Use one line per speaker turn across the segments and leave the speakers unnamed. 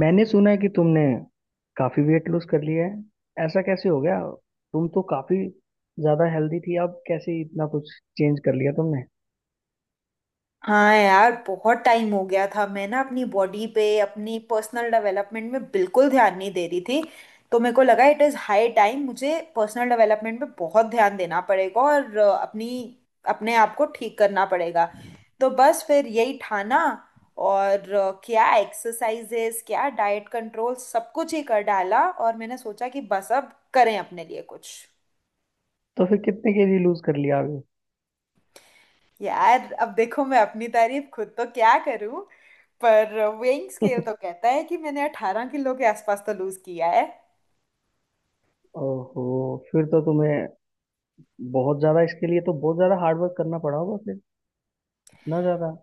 मैंने सुना है कि तुमने काफी वेट लूज कर लिया है। ऐसा कैसे हो गया? तुम तो काफी ज्यादा हेल्दी थी, अब कैसे इतना कुछ चेंज कर लिया तुमने?
हाँ यार, बहुत टाइम हो गया था। मैं ना अपनी बॉडी पे, अपनी पर्सनल डेवलपमेंट में बिल्कुल ध्यान नहीं दे रही थी। तो मेरे को लगा इट इज़ हाई टाइम, मुझे पर्सनल डेवलपमेंट पे बहुत ध्यान देना पड़ेगा और अपनी अपने आप को ठीक करना पड़ेगा। तो बस फिर यही ठाना। और क्या एक्सरसाइजेस, क्या डाइट कंट्रोल, सब कुछ ही कर डाला। और मैंने सोचा कि बस अब करें अपने लिए कुछ।
तो फिर कितने केजी लूज कर लिया अभी?
यार अब देखो, मैं अपनी तारीफ खुद तो क्या करूं, पर वेइंग स्केल तो कहता है कि मैंने 18 किलो के आसपास तो लूज किया है।
ओहो। फिर तो तुम्हें बहुत ज्यादा, इसके लिए तो बहुत ज्यादा हार्ड वर्क करना पड़ा होगा फिर, इतना ज्यादा।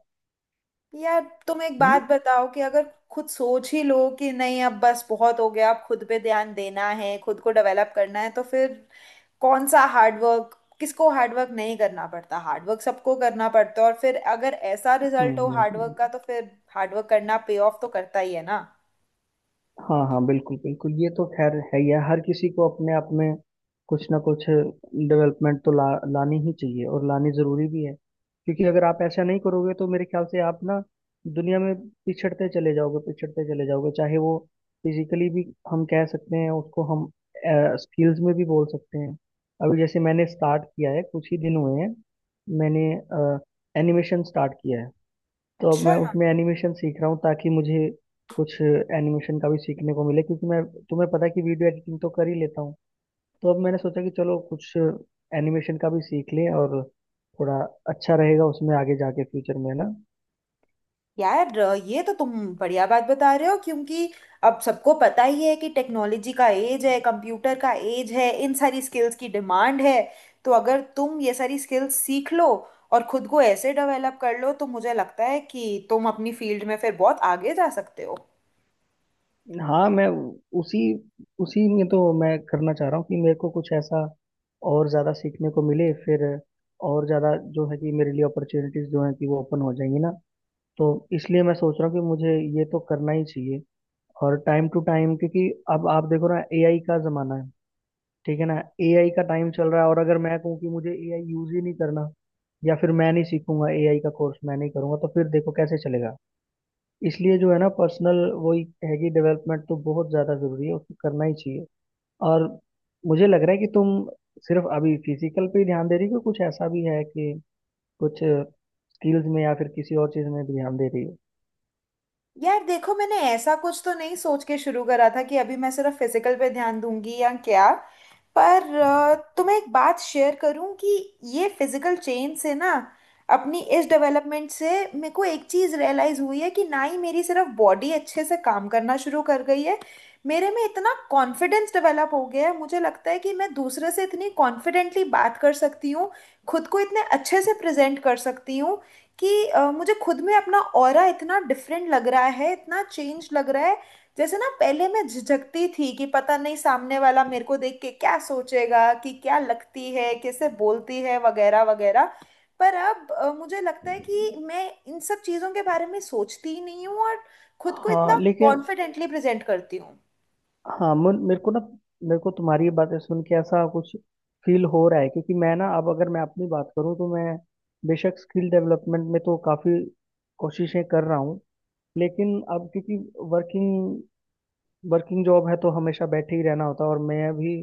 यार तुम एक बात
हम्म
बताओ, कि अगर खुद सोच ही लो कि नहीं, अब बस बहुत हो गया, अब खुद पे ध्यान देना है, खुद को डेवलप करना है, तो फिर कौन सा हार्डवर्क? किसको हार्डवर्क नहीं करना पड़ता? हार्डवर्क सबको करना पड़ता है। और फिर अगर ऐसा
हम्म
रिजल्ट हो
हम्म,
हार्डवर्क
हम्म।
का तो फिर हार्डवर्क करना पे ऑफ तो करता ही है ना।
हाँ हाँ, बिल्कुल बिल्कुल। ये तो खैर है ही है, हर किसी को अपने आप में कुछ ना कुछ डेवलपमेंट तो ला लानी ही चाहिए और लानी जरूरी भी है। क्योंकि अगर आप ऐसा नहीं करोगे तो मेरे ख्याल से आप ना दुनिया में पिछड़ते चले जाओगे, पिछड़ते चले जाओगे। चाहे वो फिजिकली भी हम कह सकते हैं उसको, हम स्किल्स में भी बोल सकते हैं। अभी जैसे मैंने स्टार्ट किया है, कुछ ही दिन हुए हैं, मैंने एनिमेशन स्टार्ट किया है। तो अब
अच्छा
मैं उसमें एनिमेशन सीख रहा हूँ ताकि मुझे कुछ एनिमेशन का भी सीखने को मिले, क्योंकि मैं, तुम्हें पता है कि वीडियो एडिटिंग तो कर ही लेता हूँ। तो अब मैंने सोचा कि चलो कुछ एनिमेशन का भी सीख लें, और थोड़ा अच्छा रहेगा उसमें आगे जाके फ्यूचर में, है ना।
यार, ये तो तुम बढ़िया बात बता रहे हो, क्योंकि अब सबको पता ही है कि टेक्नोलॉजी का एज है, कंप्यूटर का एज है, इन सारी स्किल्स की डिमांड है। तो अगर तुम ये सारी स्किल्स सीख लो और खुद को ऐसे डेवलप कर लो, तो मुझे लगता है कि तुम अपनी फील्ड में फिर बहुत आगे जा सकते हो।
हाँ, मैं उसी उसी में तो मैं करना चाह रहा हूँ कि मेरे को कुछ ऐसा और ज़्यादा सीखने को मिले, फिर और ज़्यादा जो है कि मेरे लिए अपॉर्चुनिटीज़ जो हैं कि वो ओपन हो जाएंगी ना। तो इसलिए मैं सोच रहा हूँ कि मुझे ये तो करना ही चाहिए, और टाइम टू टाइम, क्योंकि अब आप देखो ना, एआई का जमाना है, ठीक है ना। एआई का टाइम चल रहा है, और अगर मैं कहूँ कि मुझे एआई यूज ही नहीं करना या फिर मैं नहीं सीखूंगा, एआई का कोर्स मैं नहीं करूंगा, तो फिर देखो कैसे चलेगा। इसलिए जो है ना पर्सनल, वही है कि डेवलपमेंट तो बहुत ज्यादा जरूरी है, उसको करना ही चाहिए। और मुझे लग रहा है कि तुम सिर्फ अभी फिजिकल पे ही ध्यान दे रही हो, कि कुछ ऐसा भी है कि कुछ स्किल्स में या फिर किसी और चीज में भी ध्यान दे रही हो।
यार देखो, मैंने ऐसा कुछ तो नहीं सोच के शुरू करा था कि अभी मैं सिर्फ फिजिकल पे ध्यान दूंगी या क्या। पर तुम्हें एक बात शेयर करूं, कि ये फिजिकल चेंज से ना, अपनी इस डेवलपमेंट से, मेरे को एक चीज़ रियलाइज़ हुई है कि ना ही मेरी सिर्फ बॉडी अच्छे से काम करना शुरू कर गई है, मेरे में इतना कॉन्फिडेंस डेवलप हो गया है। मुझे लगता है कि मैं दूसरे से इतनी कॉन्फिडेंटली बात कर सकती हूँ, खुद को इतने अच्छे से प्रेजेंट कर सकती हूँ, कि मुझे खुद में अपना ऑरा इतना डिफरेंट लग रहा है, इतना चेंज लग रहा है। जैसे ना, पहले मैं झिझकती थी कि पता नहीं सामने वाला मेरे को देख के क्या सोचेगा, कि क्या लगती है, कैसे बोलती है, वगैरह वगैरह। पर अब मुझे लगता है कि मैं इन सब चीज़ों के बारे में सोचती ही नहीं हूँ, और खुद को
हाँ
इतना
लेकिन,
कॉन्फिडेंटली प्रेजेंट करती हूँ।
हाँ मुन, मेरे को ना मेरे को तुम्हारी ये बातें सुन के ऐसा कुछ फील हो रहा है, क्योंकि मैं ना, अब अगर मैं अपनी बात करूँ तो मैं बेशक स्किल डेवलपमेंट में तो काफ़ी कोशिशें कर रहा हूँ, लेकिन अब क्योंकि वर्किंग वर्किंग जॉब है तो हमेशा बैठे ही रहना होता है, और मैं भी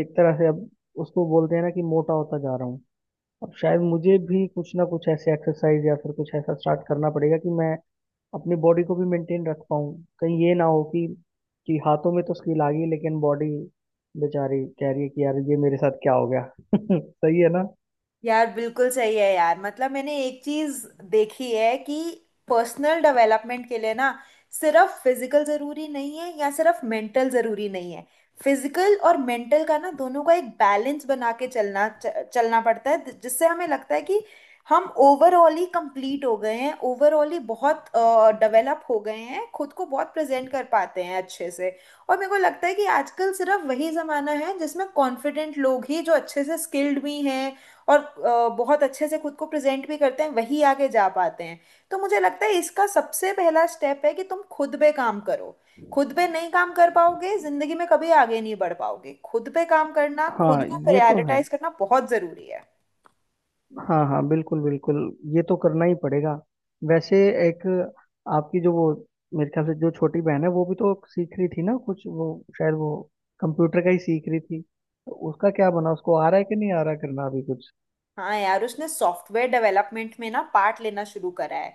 एक तरह से अब, उसको बोलते हैं ना कि मोटा होता जा रहा हूँ। अब शायद मुझे भी कुछ ना कुछ ऐसे एक्सरसाइज या फिर कुछ ऐसा स्टार्ट करना पड़ेगा कि मैं अपनी बॉडी को भी मेंटेन रख पाऊँ। कहीं ये ना हो कि हाथों में तो स्किल आ गई लेकिन बॉडी बेचारी कह रही है कि यार ये मेरे साथ क्या हो गया। सही है ना।
यार बिल्कुल सही है यार। मतलब मैंने एक चीज देखी है कि पर्सनल डेवलपमेंट के लिए ना, सिर्फ फिजिकल जरूरी नहीं है, या सिर्फ मेंटल जरूरी नहीं है। फिजिकल और मेंटल का ना, दोनों का एक बैलेंस बना के चलना चलना पड़ता है, जिससे हमें लगता है कि हम ओवरऑल ही कंप्लीट हो गए हैं, ओवरऑल ही बहुत डेवलप हो गए हैं, खुद को बहुत प्रेजेंट कर पाते हैं अच्छे से। और मेरे को लगता है कि आजकल सिर्फ वही जमाना है जिसमें कॉन्फिडेंट लोग ही, जो अच्छे से स्किल्ड भी हैं और बहुत अच्छे से खुद को प्रेजेंट भी करते हैं, वही आगे जा पाते हैं। तो मुझे लगता है इसका सबसे पहला स्टेप है कि तुम खुद पे काम करो। खुद पे नहीं काम कर पाओगे, जिंदगी में कभी आगे नहीं बढ़ पाओगे। खुद पे काम करना, खुद
हाँ
को
ये तो है।
प्रायोरिटाइज करना बहुत जरूरी है।
हाँ हाँ, बिल्कुल बिल्कुल, ये तो करना ही पड़ेगा। वैसे एक आपकी जो वो, मेरे ख्याल से जो छोटी बहन है, वो भी तो सीख रही थी ना कुछ, वो शायद वो कंप्यूटर का ही सीख रही थी। तो उसका क्या बना, उसको आ रहा है कि नहीं आ रहा, करना अभी कुछ।
हाँ यार, उसने सॉफ्टवेयर डेवलपमेंट में ना पार्ट लेना शुरू करा है।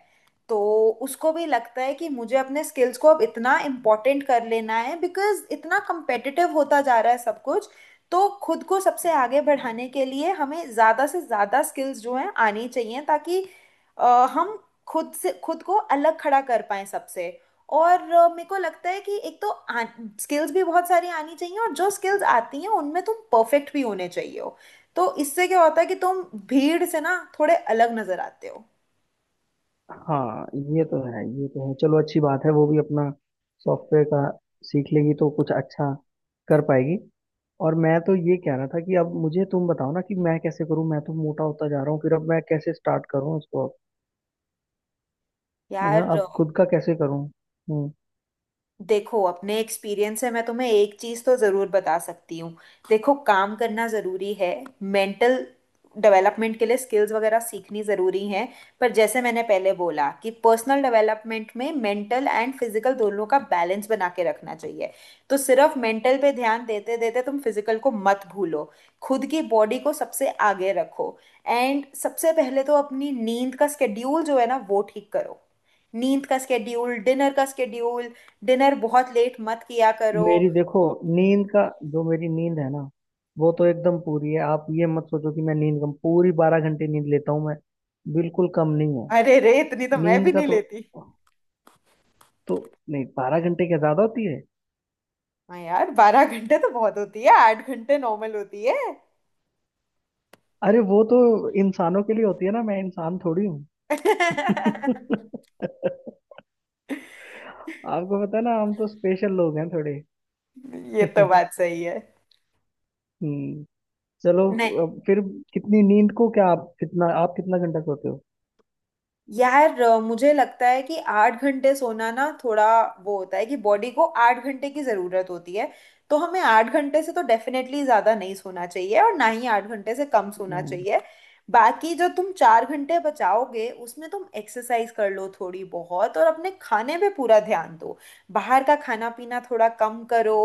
तो उसको भी लगता है कि मुझे अपने स्किल्स को अब इतना इम्पोर्टेंट कर लेना है, बिकॉज इतना competitive होता जा रहा है सब कुछ। तो खुद को सबसे आगे बढ़ाने के लिए हमें ज़्यादा से ज़्यादा स्किल्स जो हैं आनी चाहिए, ताकि हम खुद से खुद को अलग खड़ा कर पाएं सबसे। और मेरे को लगता है कि एक तो स्किल्स भी बहुत सारी आनी चाहिए, और जो स्किल्स आती हैं उनमें तुम परफेक्ट भी होने चाहिए। तो इससे क्या होता है कि तुम भीड़ से ना, थोड़े अलग नजर आते हो।
हाँ ये तो है, ये तो है। चलो अच्छी बात है, वो भी अपना सॉफ्टवेयर का सीख लेगी तो कुछ अच्छा कर पाएगी। और मैं तो ये कह रहा था कि अब मुझे तुम बताओ ना कि मैं कैसे करूँ, मैं तो मोटा होता जा रहा हूँ फिर। अब मैं कैसे स्टार्ट करूँ इसको अब, है ना,
यार
अब खुद का कैसे करूँ। हम्म।
देखो, अपने एक्सपीरियंस से मैं तुम्हें एक चीज़ तो ज़रूर बता सकती हूँ। देखो, काम करना ज़रूरी है, मेंटल डेवलपमेंट के लिए स्किल्स वगैरह सीखनी ज़रूरी हैं। पर जैसे मैंने पहले बोला कि पर्सनल डेवलपमेंट में मेंटल एंड फिजिकल दोनों का बैलेंस बना के रखना चाहिए। तो सिर्फ मेंटल पे ध्यान देते देते तुम फिजिकल को मत भूलो। खुद की बॉडी को सबसे आगे रखो। एंड सबसे पहले तो अपनी नींद का स्केड्यूल जो है ना, वो ठीक करो। नींद का स्केड्यूल, डिनर का स्केड्यूल। डिनर बहुत लेट मत किया करो।
मेरी देखो नींद का, जो मेरी नींद है ना वो तो एकदम पूरी है। आप ये मत सोचो कि मैं नींद कम, पूरी 12 घंटे नींद लेता हूँ मैं, बिल्कुल कम नहीं है।
अरे रे, इतनी तो मैं भी
नींद का
नहीं
तो
लेती।
तो नहीं 12 घंटे क्या ज्यादा होती है?
हाँ यार, 12 घंटे तो बहुत होती है, 8 घंटे नॉर्मल होती है।
अरे वो तो इंसानों के लिए होती है ना, मैं इंसान थोड़ी हूँ। आपको पता है ना, हम तो स्पेशल लोग हैं थोड़े।
ये तो बात सही है।
हम्म। चलो,
नहीं।
अब फिर कितनी नींद को, क्या आप कितना, आप कितना घंटा सोते हो?
यार मुझे लगता है कि 8 घंटे सोना ना, थोड़ा वो होता है कि बॉडी को 8 घंटे की ज़रूरत होती है। तो हमें 8 घंटे से तो डेफिनेटली ज़्यादा नहीं सोना चाहिए, और ना ही 8 घंटे से कम सोना
हम्म।
चाहिए। बाकी जो तुम 4 घंटे बचाओगे, उसमें तुम एक्सरसाइज कर लो थोड़ी बहुत, और अपने खाने पे पूरा ध्यान दो। बाहर का खाना पीना थोड़ा कम करो।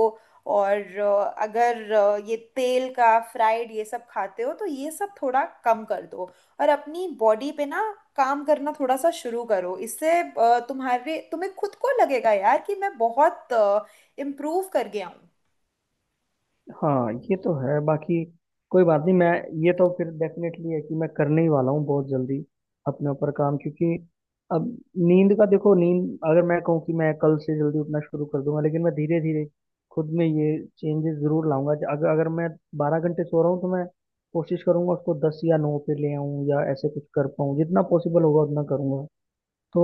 और अगर ये तेल का फ्राइड, ये सब खाते हो, तो ये सब थोड़ा कम कर दो। और अपनी बॉडी पे ना, काम करना थोड़ा सा शुरू करो। इससे तुम्हारे तुम्हें खुद को लगेगा यार कि मैं बहुत इम्प्रूव कर गया हूँ।
हाँ ये तो है, बाकी कोई बात नहीं मैं, ये तो फिर डेफिनेटली है कि मैं करने ही वाला हूँ बहुत जल्दी अपने ऊपर काम, क्योंकि अब, नींद का देखो। नींद, अगर मैं कहूँ कि मैं कल से जल्दी उठना शुरू कर दूंगा, लेकिन मैं धीरे धीरे खुद में ये चेंजेस जरूर लाऊंगा। अगर अगर मैं 12 घंटे सो रहा हूँ तो मैं कोशिश करूंगा उसको 10 या 9 पे ले आऊँ, या ऐसे कुछ कर पाऊँ, जितना पॉसिबल होगा उतना करूंगा। तो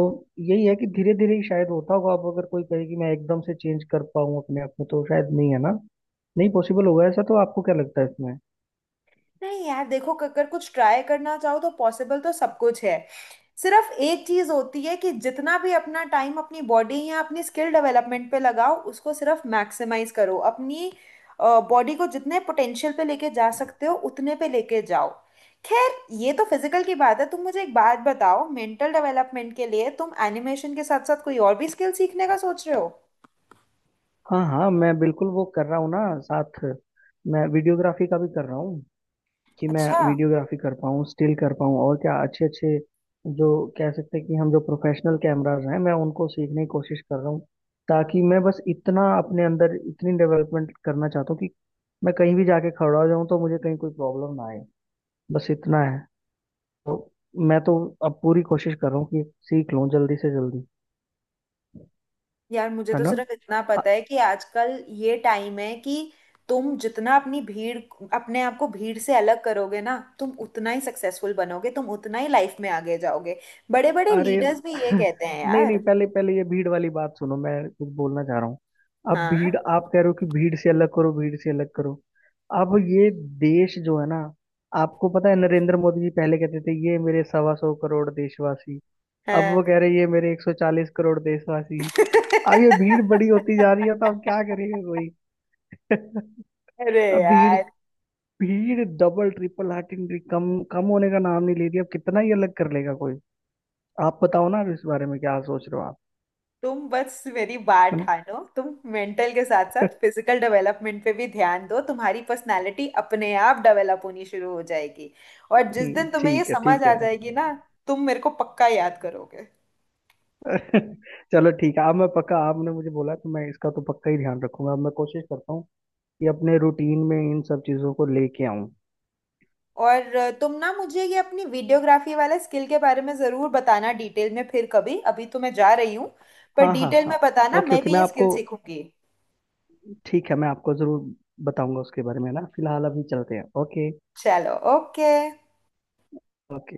यही है कि धीरे धीरे ही शायद होता होगा। अब अगर कोई कहे कि मैं एकदम से चेंज कर पाऊँ अपने आप में तो शायद नहीं, है ना, नहीं पॉसिबल होगा ऐसा। तो आपको क्या लगता है इसमें?
नहीं यार देखो, अगर कुछ ट्राई करना चाहो तो पॉसिबल तो सब कुछ है। सिर्फ एक चीज होती है कि जितना भी अपना टाइम अपनी बॉडी या अपनी स्किल डेवलपमेंट पे लगाओ, उसको सिर्फ मैक्सिमाइज करो। अपनी बॉडी को जितने पोटेंशियल पे लेके जा सकते हो, उतने पे लेके जाओ। खैर, ये तो फिजिकल की बात है। तुम मुझे एक बात बताओ, मेंटल डेवलपमेंट के लिए तुम एनिमेशन के साथ साथ कोई और भी स्किल सीखने का सोच रहे हो?
हाँ हाँ, मैं बिल्कुल वो कर रहा हूँ ना। साथ मैं वीडियोग्राफी का भी कर रहा हूँ कि मैं
अच्छा।
वीडियोग्राफी कर पाऊँ, स्टिल कर पाऊँ, और क्या अच्छे अच्छे जो कह सकते हैं कि हम, जो प्रोफेशनल कैमराज हैं, मैं उनको सीखने की कोशिश कर रहा हूँ। ताकि मैं बस इतना अपने अंदर इतनी डेवलपमेंट करना चाहता हूँ कि मैं कहीं भी जाके खड़ा हो जाऊँ तो मुझे कहीं कोई प्रॉब्लम ना आए, बस इतना है। तो मैं तो अब पूरी कोशिश कर रहा हूँ कि सीख लूँ जल्दी से जल्दी,
यार मुझे
है
तो
ना।
सिर्फ इतना पता है कि आजकल ये टाइम है कि तुम जितना अपनी भीड़, अपने आप को भीड़ से अलग करोगे ना, तुम उतना ही सक्सेसफुल बनोगे, तुम उतना ही लाइफ में आगे जाओगे। बड़े बड़े
अरे
लीडर्स भी ये कहते हैं
नहीं नहीं,
यार।
पहले पहले ये भीड़ वाली बात सुनो, मैं कुछ बोलना चाह रहा हूँ। अब
हाँ
भीड़,
हाँ।
आप कह रहे हो कि भीड़ से अलग करो, भीड़ से अलग करो। अब ये देश जो है ना, आपको पता है नरेंद्र मोदी जी पहले कहते थे, ये मेरे 125 करोड़ देशवासी। अब वो कह रहे हैं, ये मेरे 140 करोड़ देशवासी। अब ये भीड़ बड़ी होती जा रही है, तो अब क्या करेगा कोई।
अरे
अब भीड़
यार,
भीड़ डबल ट्रिपल हार्टिंग कम कम होने का नाम नहीं ले रही। अब कितना ही अलग कर लेगा कोई। आप बताओ ना इस बारे में क्या सोच रहे हो आप,
तुम बस मेरी बात
है
ठानो, तुम मेंटल के साथ
ना।
साथ फिजिकल डेवलपमेंट पे भी ध्यान दो, तुम्हारी पर्सनालिटी अपने आप डेवलप होनी शुरू हो जाएगी। और जिस दिन तुम्हें ये
ठीक है
समझ
ठीक
आ
है।
जाएगी ना, तुम मेरे को पक्का याद करोगे।
चलो ठीक है, अब मैं पक्का, आपने मुझे बोला तो मैं इसका तो पक्का ही ध्यान रखूंगा, अब मैं कोशिश करता हूँ कि अपने रूटीन में इन सब चीज़ों को लेके आऊँ।
और तुम ना मुझे ये अपनी वीडियोग्राफी वाले स्किल के बारे में ज़रूर बताना डिटेल में, फिर कभी। अभी तो मैं जा रही हूँ, पर
हाँ हाँ
डिटेल
हाँ,
में बताना,
ओके
मैं
ओके,
भी
मैं
ये स्किल
आपको,
सीखूंगी।
ठीक है मैं आपको ज़रूर बताऊंगा उसके बारे में ना, फिलहाल अभी चलते हैं। ओके।
चलो ओके।
ओके।